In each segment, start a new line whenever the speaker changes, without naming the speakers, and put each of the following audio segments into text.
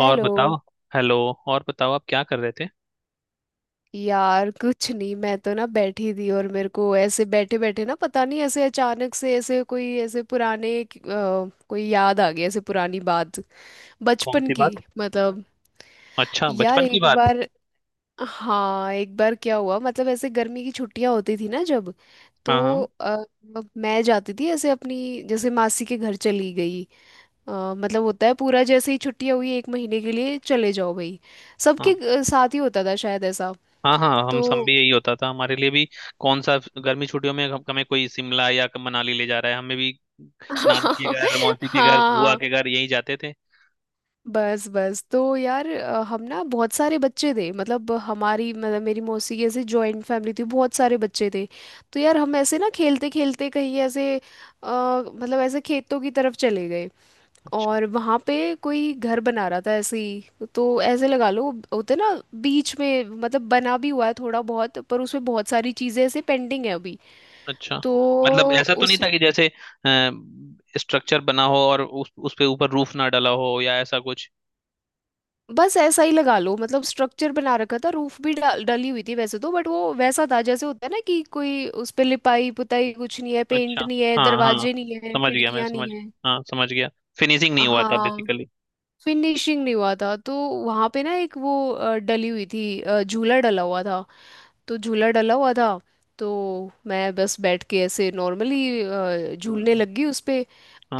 और बताओ। हेलो। और बताओ, आप क्या कर रहे थे?
यार कुछ नहीं, मैं तो ना बैठी थी और मेरे को ऐसे बैठे बैठे ना, पता नहीं ऐसे अचानक से ऐसे कोई ऐसे पुराने कोई याद आ गई, ऐसे पुरानी बात,
कौन
बचपन
सी
की।
बात?
मतलब
अच्छा,
यार
बचपन की
एक
बात।
बार, हाँ एक बार क्या हुआ, मतलब ऐसे गर्मी की छुट्टियां होती थी ना जब।
हाँ
तो
हाँ।
अब मैं जाती थी ऐसे अपनी जैसे मासी के घर चली गई। अ, मतलब होता है पूरा जैसे ही छुट्टियां हुई एक महीने के लिए चले जाओ भाई, सबके
हाँ
साथ ही होता था शायद ऐसा।
हाँ हाँ, हम सब
तो
भी यही होता था, हमारे लिए भी। कौन सा? गर्मी छुट्टियों में हमें कोई शिमला या मनाली ले जा रहा है, हमें भी। नानी के घर, मौसी के घर, बुआ
हाँ,
के घर, यही जाते थे।
बस बस तो यार हम ना बहुत सारे बच्चे थे, मतलब हमारी मतलब मेरी मौसी की ऐसे जॉइंट फैमिली थी, बहुत सारे बच्चे थे। तो यार हम ऐसे ना खेलते खेलते कहीं ऐसे मतलब ऐसे खेतों की तरफ चले गए।
अच्छा
और वहाँ पे कोई घर बना रहा था, ऐसे ही तो ऐसे लगा लो होते ना, बीच में मतलब बना भी हुआ है थोड़ा बहुत, पर उसमें बहुत सारी चीज़ें ऐसे पेंडिंग है अभी।
अच्छा।
तो
मतलब ऐसा तो नहीं था कि जैसे स्ट्रक्चर बना हो और उस पे ऊपर रूफ ना डला हो या ऐसा कुछ।
बस ऐसा ही लगा लो, मतलब स्ट्रक्चर बना रखा था, रूफ भी डली हुई थी वैसे तो, बट वो वैसा था जैसे होता है ना कि कोई उस पे लिपाई पुताई कुछ नहीं है,
अच्छा।
पेंट नहीं है,
हाँ हाँ।
दरवाजे नहीं है,
समझ गया, मैं
खिड़कियां
समझ।
नहीं है।
हाँ, समझ गया। फिनिशिंग नहीं हुआ था
हाँ
बेसिकली।
फिनिशिंग नहीं हुआ था। तो वहां पे ना एक वो डली हुई थी, झूला डला हुआ था। तो झूला डला हुआ था, तो मैं बस बैठ के ऐसे नॉर्मली झूलने
हाँ
लग गई उस पे।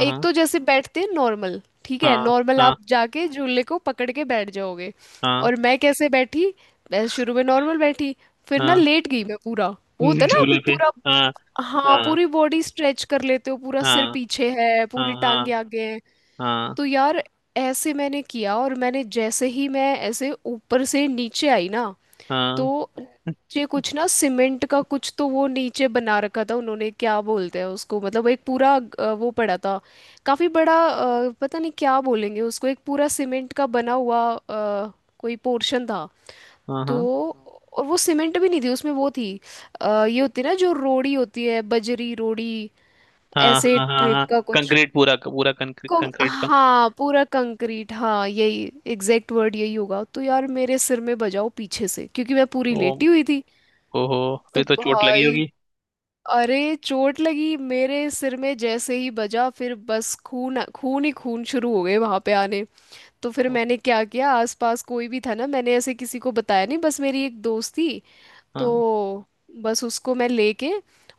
एक तो जैसे बैठते हैं नॉर्मल, ठीक है,
हाँ
नॉर्मल
हाँ
आप जाके झूले को पकड़ के बैठ जाओगे।
हाँ।
और मैं कैसे बैठी, मैं शुरू में नॉर्मल बैठी, फिर ना
हाँ
लेट गई मैं पूरा, वो होता है ना आप
झूले पे।
पूरा,
हाँ
हाँ
हाँ
पूरी बॉडी स्ट्रेच कर लेते हो, पूरा सिर
हाँ
पीछे है,
हाँ
पूरी
हाँ
टांगे आगे हैं।
हाँ
तो यार ऐसे मैंने किया, और मैंने जैसे ही मैं ऐसे ऊपर से नीचे आई ना,
हाँ
तो ये कुछ ना सीमेंट का कुछ तो वो नीचे बना रखा था उन्होंने, क्या बोलते हैं उसको, मतलब एक पूरा वो पड़ा था, काफी बड़ा पता नहीं क्या बोलेंगे उसको, एक पूरा सीमेंट का बना हुआ कोई पोर्शन था।
हाँ
तो
हाँ
और वो सीमेंट भी नहीं थी उसमें, वो थी ये होती है ना जो रोड़ी होती है, बजरी रोड़ी,
हाँ
ऐसे
हाँ हाँ
टाइप
हाँ।
का कुछ।
कंक्रीट, पूरा पूरा कंक्रीट, कंक्रीट का।
हाँ पूरा कंक्रीट, हाँ यही, एग्जैक्ट वर्ड यही होगा। तो यार मेरे सिर में बजाओ पीछे से, क्योंकि मैं पूरी
ओ।
लेटी हुई थी।
ओहो।
तो
फिर तो चोट लगी
भाई,
होगी।
अरे चोट लगी, मेरे सिर में जैसे ही बजा, फिर बस खून, खून ही खून शुरू हो गए वहां पे आने। तो फिर मैंने क्या किया, आसपास कोई भी था ना, मैंने ऐसे किसी को बताया नहीं, बस मेरी एक दोस्त थी।
हाँ
तो बस उसको मैं लेके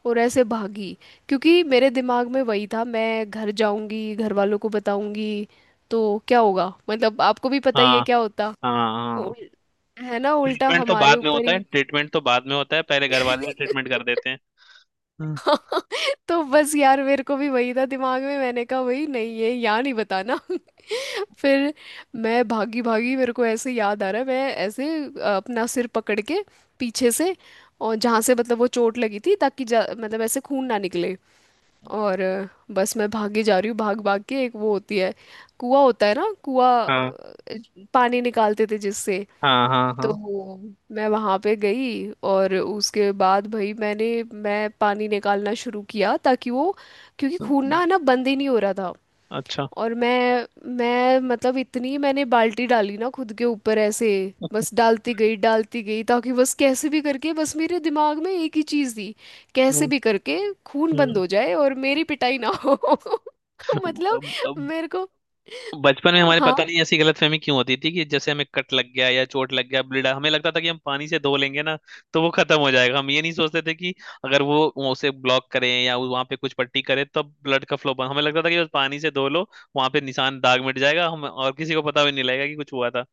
और ऐसे भागी, क्योंकि मेरे दिमाग में वही था मैं घर जाऊंगी, घर वालों को बताऊंगी तो क्या होगा, मतलब आपको भी पता ही है
हाँ
क्या होता।
हाँ हाँ।
उल- है ना, उल्टा
ट्रीटमेंट तो
हमारे
बाद में
ऊपर
होता है,
ही।
ट्रीटमेंट तो बाद में होता है, पहले घर वाले ट्रीटमेंट कर देते हैं। हम्म।
तो बस यार मेरे को भी वही था दिमाग में, मैंने कहा वही नहीं, ये यहाँ नहीं बताना। फिर मैं भागी भागी, मेरे को ऐसे याद आ रहा है, मैं ऐसे अपना सिर पकड़ के पीछे से, और जहाँ से मतलब वो चोट लगी थी ताकि मतलब ऐसे खून ना निकले। और बस मैं भागी जा रही हूँ भाग भाग के, एक वो होती है, कुआं होता है ना, कुआं,
हाँ
पानी निकालते थे जिससे।
हाँ हाँ
तो
हाँ।
मैं वहां पे गई और उसके बाद भाई मैंने, मैं पानी निकालना शुरू किया ताकि वो, क्योंकि खून ना ना बंद ही नहीं हो रहा था।
अच्छा।
और मैं मतलब इतनी मैंने बाल्टी डाली ना खुद के ऊपर ऐसे, बस डालती गई ताकि बस कैसे भी करके, बस मेरे दिमाग में एक ही चीज़ थी कैसे
हम्म।
भी करके खून बंद हो जाए और मेरी पिटाई ना हो। मतलब
हम्म।
मेरे को,
बचपन में हमारे
हाँ
पता नहीं ऐसी गलतफहमी क्यों होती थी कि जैसे हमें कट लग गया या चोट लग गया, ब्लीड, हमें लगता था कि हम पानी से धो लेंगे ना, तो वो खत्म हो जाएगा। हम ये नहीं सोचते थे कि अगर वो उसे ब्लॉक करें या वहां पे कुछ पट्टी करें तब तो ब्लड का फ्लो बंद। हमें लगता था कि बस पानी से धो लो, वहां पे निशान दाग मिट जाएगा, हम और किसी को पता भी नहीं लगेगा कि कुछ हुआ था।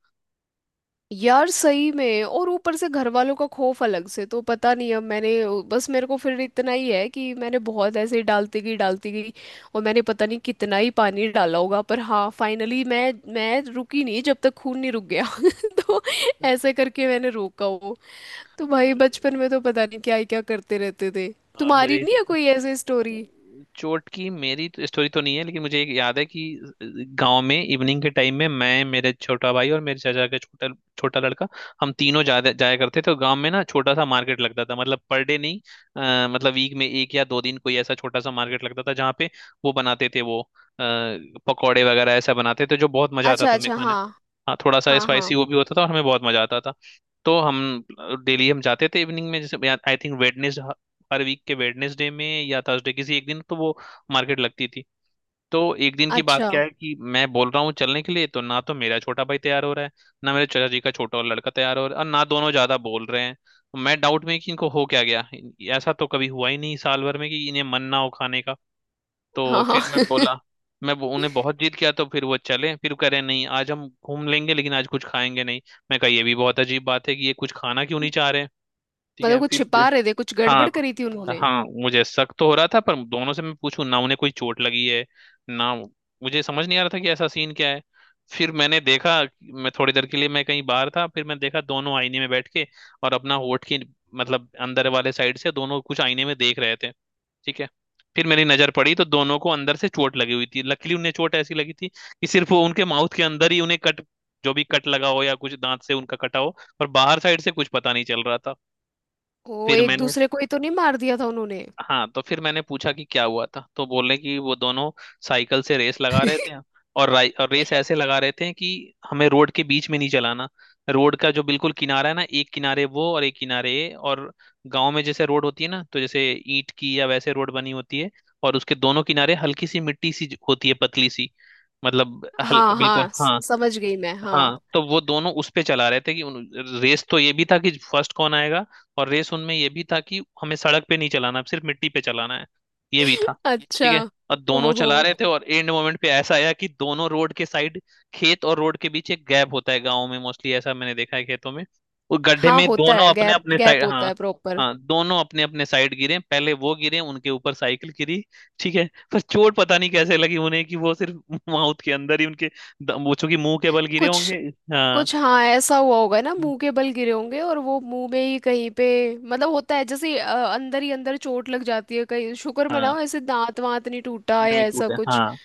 यार सही में, और ऊपर से घर वालों का खौफ अलग से, तो पता नहीं अब मैंने, बस मेरे को फिर इतना ही है कि मैंने बहुत ऐसे ही डालती गई डालती गई, और मैंने पता नहीं कितना ही पानी डाला होगा, पर हाँ फाइनली मैं रुकी नहीं जब तक खून नहीं रुक गया। तो ऐसे करके मैंने रोका वो। तो भाई बचपन में तो पता नहीं क्या ही क्या करते रहते थे। तुम्हारी
मुझे
नहीं है कोई ऐसी स्टोरी?
चोट की मेरी तो स्टोरी तो नहीं है, लेकिन मुझे एक याद है कि गांव में इवनिंग के टाइम में मैं, मेरे छोटा भाई और मेरे चाचा का छोटा छोटा लड़का, हम तीनों जाया जाया करते थे। तो गांव में ना छोटा सा मार्केट लगता था, मतलब पर डे नहीं। मतलब वीक में एक या दो दिन कोई ऐसा छोटा सा मार्केट लगता था जहाँ पे वो बनाते थे, वो पकौड़े वगैरह ऐसा बनाते थे, जो बहुत मजा आता
अच्छा
था हमें
अच्छा,
खाने।
हाँ,
हाँ, थोड़ा सा
हाँ हाँ,
स्पाइसी वो भी होता था और हमें बहुत मजा आता था। तो हम डेली हम जाते थे इवनिंग में, जैसे आई थिंक वेडनेस हर वीक के वेडनेसडे में या थर्सडे, किसी एक दिन तो वो मार्केट लगती थी। तो एक दिन की बात
अच्छा,
क्या है कि मैं बोल रहा हूँ चलने के लिए, तो ना तो मेरा छोटा भाई तैयार हो रहा है, ना मेरे चाचा जी का छोटा और लड़का तैयार हो रहा है, और ना दोनों ज्यादा बोल रहे हैं। तो मैं डाउट में कि इनको हो क्या गया, ऐसा तो कभी हुआ ही नहीं साल भर में कि इन्हें मन ना हो खाने का। तो
हाँ हाँ।
फिर मैं बोला, मैं उन्हें बहुत जिद किया, तो फिर वो चले, फिर वो कह रहे नहीं आज हम घूम लेंगे लेकिन आज कुछ खाएंगे नहीं। मैं कहा ये भी बहुत अजीब बात है कि ये कुछ खाना क्यों नहीं चाह रहे हैं। ठीक
मतलब
है,
कुछ
फिर।
छिपा रहे थे, कुछ
हाँ
गड़बड़ करी थी उन्होंने।
हाँ। मुझे शक तो हो रहा था, पर दोनों से मैं पूछूं ना, उन्हें कोई चोट लगी है, ना। मुझे समझ नहीं आ रहा था कि ऐसा सीन क्या है। फिर मैंने देखा, मैं थोड़ी देर के लिए मैं कहीं बाहर था, फिर मैं देखा दोनों आईने में बैठ के, और अपना होठ की, मतलब अंदर वाले साइड से, दोनों कुछ आईने में देख रहे थे। ठीक है। फिर मेरी नजर पड़ी तो दोनों को अंदर से चोट लगी हुई थी। लकीली उन्हें चोट ऐसी लगी थी कि सिर्फ वो उनके माउथ के अंदर ही उन्हें कट, जो भी कट लगा हो या कुछ दांत से उनका कटा हो, और बाहर साइड से कुछ पता नहीं चल रहा था।
ओ,
फिर
एक
मैंने,
दूसरे को ही तो नहीं मार दिया था उन्होंने?
हाँ, तो फिर मैंने पूछा कि क्या हुआ था, तो बोले कि वो दोनों साइकिल से रेस लगा रहे थे। और और रेस ऐसे लगा रहे थे कि हमें रोड के बीच में नहीं चलाना, रोड का जो बिल्कुल किनारा है ना, एक किनारे वो और एक किनारे ये। और गांव में जैसे रोड होती है ना, तो जैसे ईंट की या वैसे रोड बनी होती है, और उसके दोनों किनारे हल्की सी मिट्टी सी होती है, पतली सी। मतलब हल्का,
हाँ
बिल्कुल,
हाँ,
हाँ।
समझ गई मैं, हाँ।
हाँ, तो वो दोनों उस पे चला रहे थे कि रेस तो ये भी था कि फर्स्ट कौन आएगा, और रेस उनमें ये भी था कि हमें सड़क पे नहीं चलाना, सिर्फ मिट्टी पे चलाना है, ये भी था। ठीक
अच्छा,
है। और दोनों
ओहो,
चला रहे थे, और एंड मोमेंट पे ऐसा आया कि दोनों रोड के साइड, खेत और रोड के बीच एक गैप होता है गाँव में मोस्टली, ऐसा मैंने देखा है खेतों में, वो गड्ढे
हाँ
में
होता
दोनों
है
अपने
गैप,
अपने साइड,
गैप होता
हाँ।
है प्रॉपर।
हाँ, दोनों अपने अपने साइड गिरे, पहले वो गिरे, उनके ऊपर साइकिल गिरी। ठीक है। पर चोट पता नहीं कैसे लगी उन्हें कि वो सिर्फ माउथ के अंदर ही उनके, वो चूंकि मुंह के बल गिरे
कुछ
होंगे। हाँ
कुछ, हाँ ऐसा हुआ होगा ना, मुंह के बल गिरे होंगे और वो मुंह में ही कहीं पे, मतलब होता है जैसे अंदर ही अंदर चोट लग जाती है कहीं, शुक्र
हाँ,
मनाओ ऐसे दांत वांत नहीं टूटा या
नहीं
ऐसा
टूटे,
कुछ।
हाँ।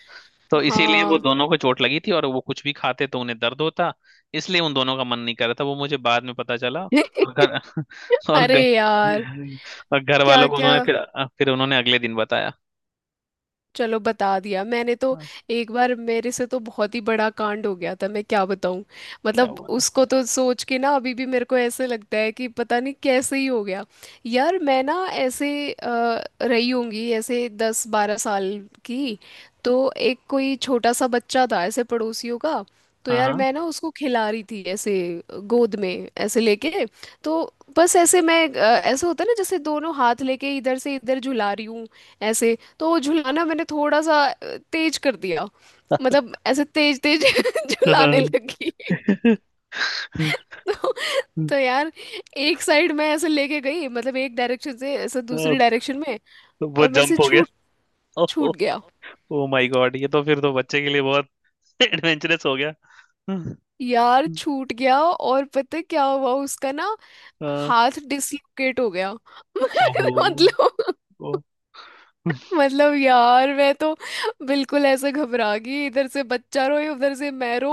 तो इसीलिए वो
हाँ।
दोनों को चोट लगी थी, और वो कुछ भी खाते तो उन्हें दर्द होता, इसलिए उन दोनों का मन नहीं कर रहा था, वो मुझे बाद में पता चला। और घर और
अरे
घर,
यार,
और घर
क्या
वालों को
क्या।
उन्होंने, फिर उन्होंने अगले दिन बताया।
चलो बता दिया मैंने तो।
हाँ।
एक बार मेरे से तो बहुत ही बड़ा कांड हो गया था, मैं क्या बताऊं,
क्या
मतलब
हुआ था?
उसको तो सोच के ना अभी भी मेरे को ऐसे लगता है कि पता नहीं कैसे ही हो गया। यार मैं ना ऐसे रही होंगी ऐसे दस बारह साल की। तो एक कोई छोटा सा बच्चा था ऐसे पड़ोसियों का, तो यार
हाँ
मैं ना उसको खिला रही थी ऐसे गोद में ऐसे लेके। तो बस ऐसे मैं ऐसे होता है ना जैसे दोनों हाथ लेके इधर से इधर झुला रही हूँ ऐसे। तो झुलाना मैंने थोड़ा सा तेज कर दिया, मतलब ऐसे तेज तेज झुलाने
हाँ
लगी। तो, तो यार एक साइड मैं ऐसे लेके गई, मतलब एक डायरेक्शन से ऐसे दूसरी डायरेक्शन में,
तो वो
और मेरे से
जंप हो गया।
छूट
ओह।
छूट गया।
ओ माय गॉड, ये तो फिर तो बच्चे के लिए बहुत एडवेंचरस हो गया
यार छूट गया, और पता है क्या हुआ उसका ना,
हाँ,
हाथ डिसलोकेट हो गया।
ओहो
मतलब मतलब यार मैं तो बिल्कुल ऐसे घबरा गई, इधर से बच्चा रोए उधर से मैं रो।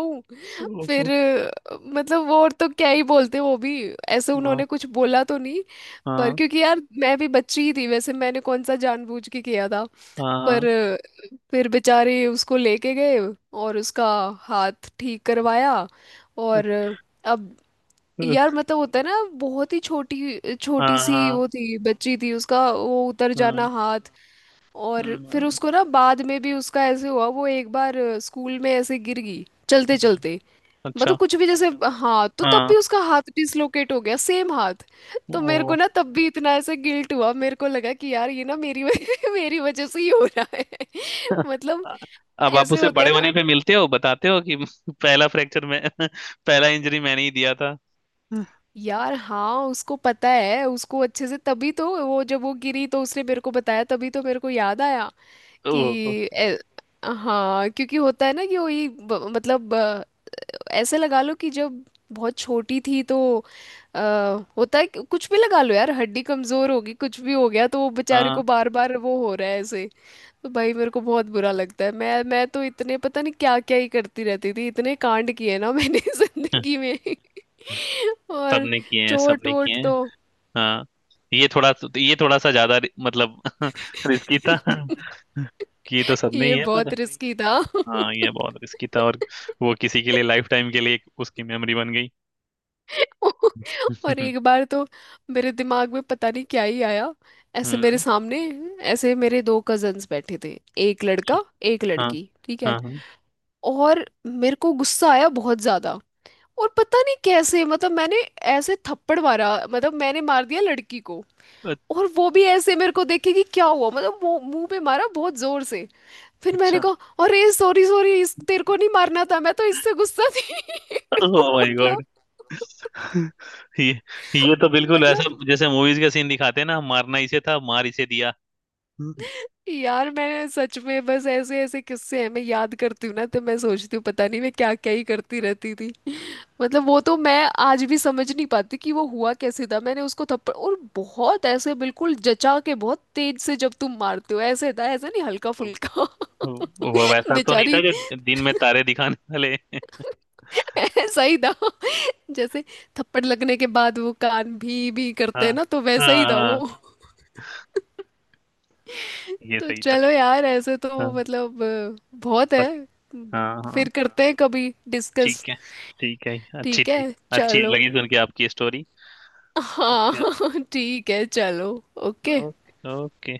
ओहो,
फिर मतलब वो और तो क्या ही बोलते, वो भी ऐसे
हाँ
उन्होंने कुछ बोला तो नहीं। पर
हाँ
क्योंकि यार मैं भी बच्ची ही थी वैसे, मैंने कौन सा जानबूझ के किया था।
हाँ
पर फिर बेचारे उसको लेके गए और उसका हाथ ठीक करवाया। और अब यार मतलब होता है ना, बहुत ही छोटी छोटी
हाँ
सी
हाँ।
वो थी, बच्ची थी, उसका वो उतर जाना
हम्म,
हाथ। और फिर
हम्म,
उसको ना बाद में भी उसका ऐसे हुआ, वो एक बार स्कूल में ऐसे गिर गई चलते
हम्म।
चलते,
अच्छा,
मतलब कुछ भी जैसे। हाँ तो तब
हाँ,
भी उसका हाथ डिसलोकेट हो गया, सेम हाथ। तो मेरे को
ओ
ना तब भी इतना ऐसे गिल्ट हुआ, मेरे को लगा कि यार ये ना मेरी मेरी वजह से ही हो रहा है। मतलब
अब आप
ऐसे
उसे
होता है
बड़े
ना
होने पे मिलते हो, बताते हो कि पहला फ्रैक्चर में पहला इंजरी मैंने ही दिया था
यार। हाँ उसको पता है, उसको अच्छे से, तभी तो वो जब वो गिरी तो उसने मेरे को बताया, तभी तो मेरे को याद आया कि
ओहो,
ए, हाँ क्योंकि होता है ना कि वही मतलब ऐसे लगा लो कि जब बहुत छोटी थी तो आ, होता है कुछ भी लगा लो यार, हड्डी कमजोर होगी, कुछ भी हो गया तो वो बेचारे को
हाँ।
बार बार वो हो रहा है ऐसे। तो भाई मेरे को बहुत बुरा लगता है, मैं तो इतने पता नहीं क्या क्या ही करती रहती थी, इतने कांड किए ना मैंने जिंदगी में। और
सबने किए हैं,
चोट
सबने किए
वोट
हैं।
तो,
हाँ, ये थोड़ा, ये थोड़ा सा ज्यादा मतलब रिस्की था कि ये तो सबने ही
ये
है,
बहुत
पर।
भाई रिस्की था।
हाँ, ये बहुत रिस्की था, और वो किसी के लिए लाइफ टाइम के लिए एक उसकी मेमोरी बन गई।
और एक बार तो मेरे दिमाग में पता नहीं क्या ही आया, ऐसे मेरे
हम्म।
सामने ऐसे मेरे दो कजन्स बैठे थे, एक
अच्छा,
लड़का एक
हाँ
लड़की, ठीक है।
हाँ हाँ।
और मेरे को गुस्सा आया बहुत ज्यादा, और पता नहीं कैसे, मतलब मैंने ऐसे थप्पड़ मारा, मतलब मैंने मार दिया लड़की को। और वो भी ऐसे मेरे को देखे कि क्या हुआ, मतलब वो मुंह पे मारा बहुत जोर से। फिर मैंने
अच्छा,
कहा अरे सॉरी सॉरी, इस तेरे को नहीं मारना था, मैं तो इससे गुस्सा थी।
ओह माय
मतलब,
गॉड ये ये तो बिल्कुल ऐसा
मतलब
जैसे मूवीज का सीन दिखाते हैं ना, मारना इसे था, मार इसे दिया
यार मैंने सच में बस ऐसे ऐसे किस्से हैं, मैं याद करती हूँ ना तो मैं सोचती हूँ पता नहीं मैं क्या क्या ही करती रहती थी। मतलब वो तो मैं आज भी समझ नहीं पाती कि वो हुआ कैसे था, मैंने उसको थप्पड़ और बहुत ऐसे बिल्कुल जचा के बहुत तेज से जब तुम मारते हो ऐसे था, ऐसा नहीं हल्का
तो-
फुल्का।
तो वो वैसा तो नहीं था
बेचारी।
जो दिन में तारे दिखाने वाले
ऐसा ही था जैसे थप्पड़ लगने के बाद वो कान भी करते
हाँ
हैं ना, तो वैसा
हाँ
ही था वो।
हाँ, ये
तो
सही था।
चलो यार, ऐसे तो
हाँ।
मतलब बहुत है,
सक। हाँ हाँ।
फिर करते हैं कभी डिस्कस।
ठीक है। ठीक है, अच्छी
ठीक
थी।
है,
अच्छी
चलो।
लगी सुन के आपकी स्टोरी।
हाँ
ओके
ठीक है चलो। ओके।
Okay okay.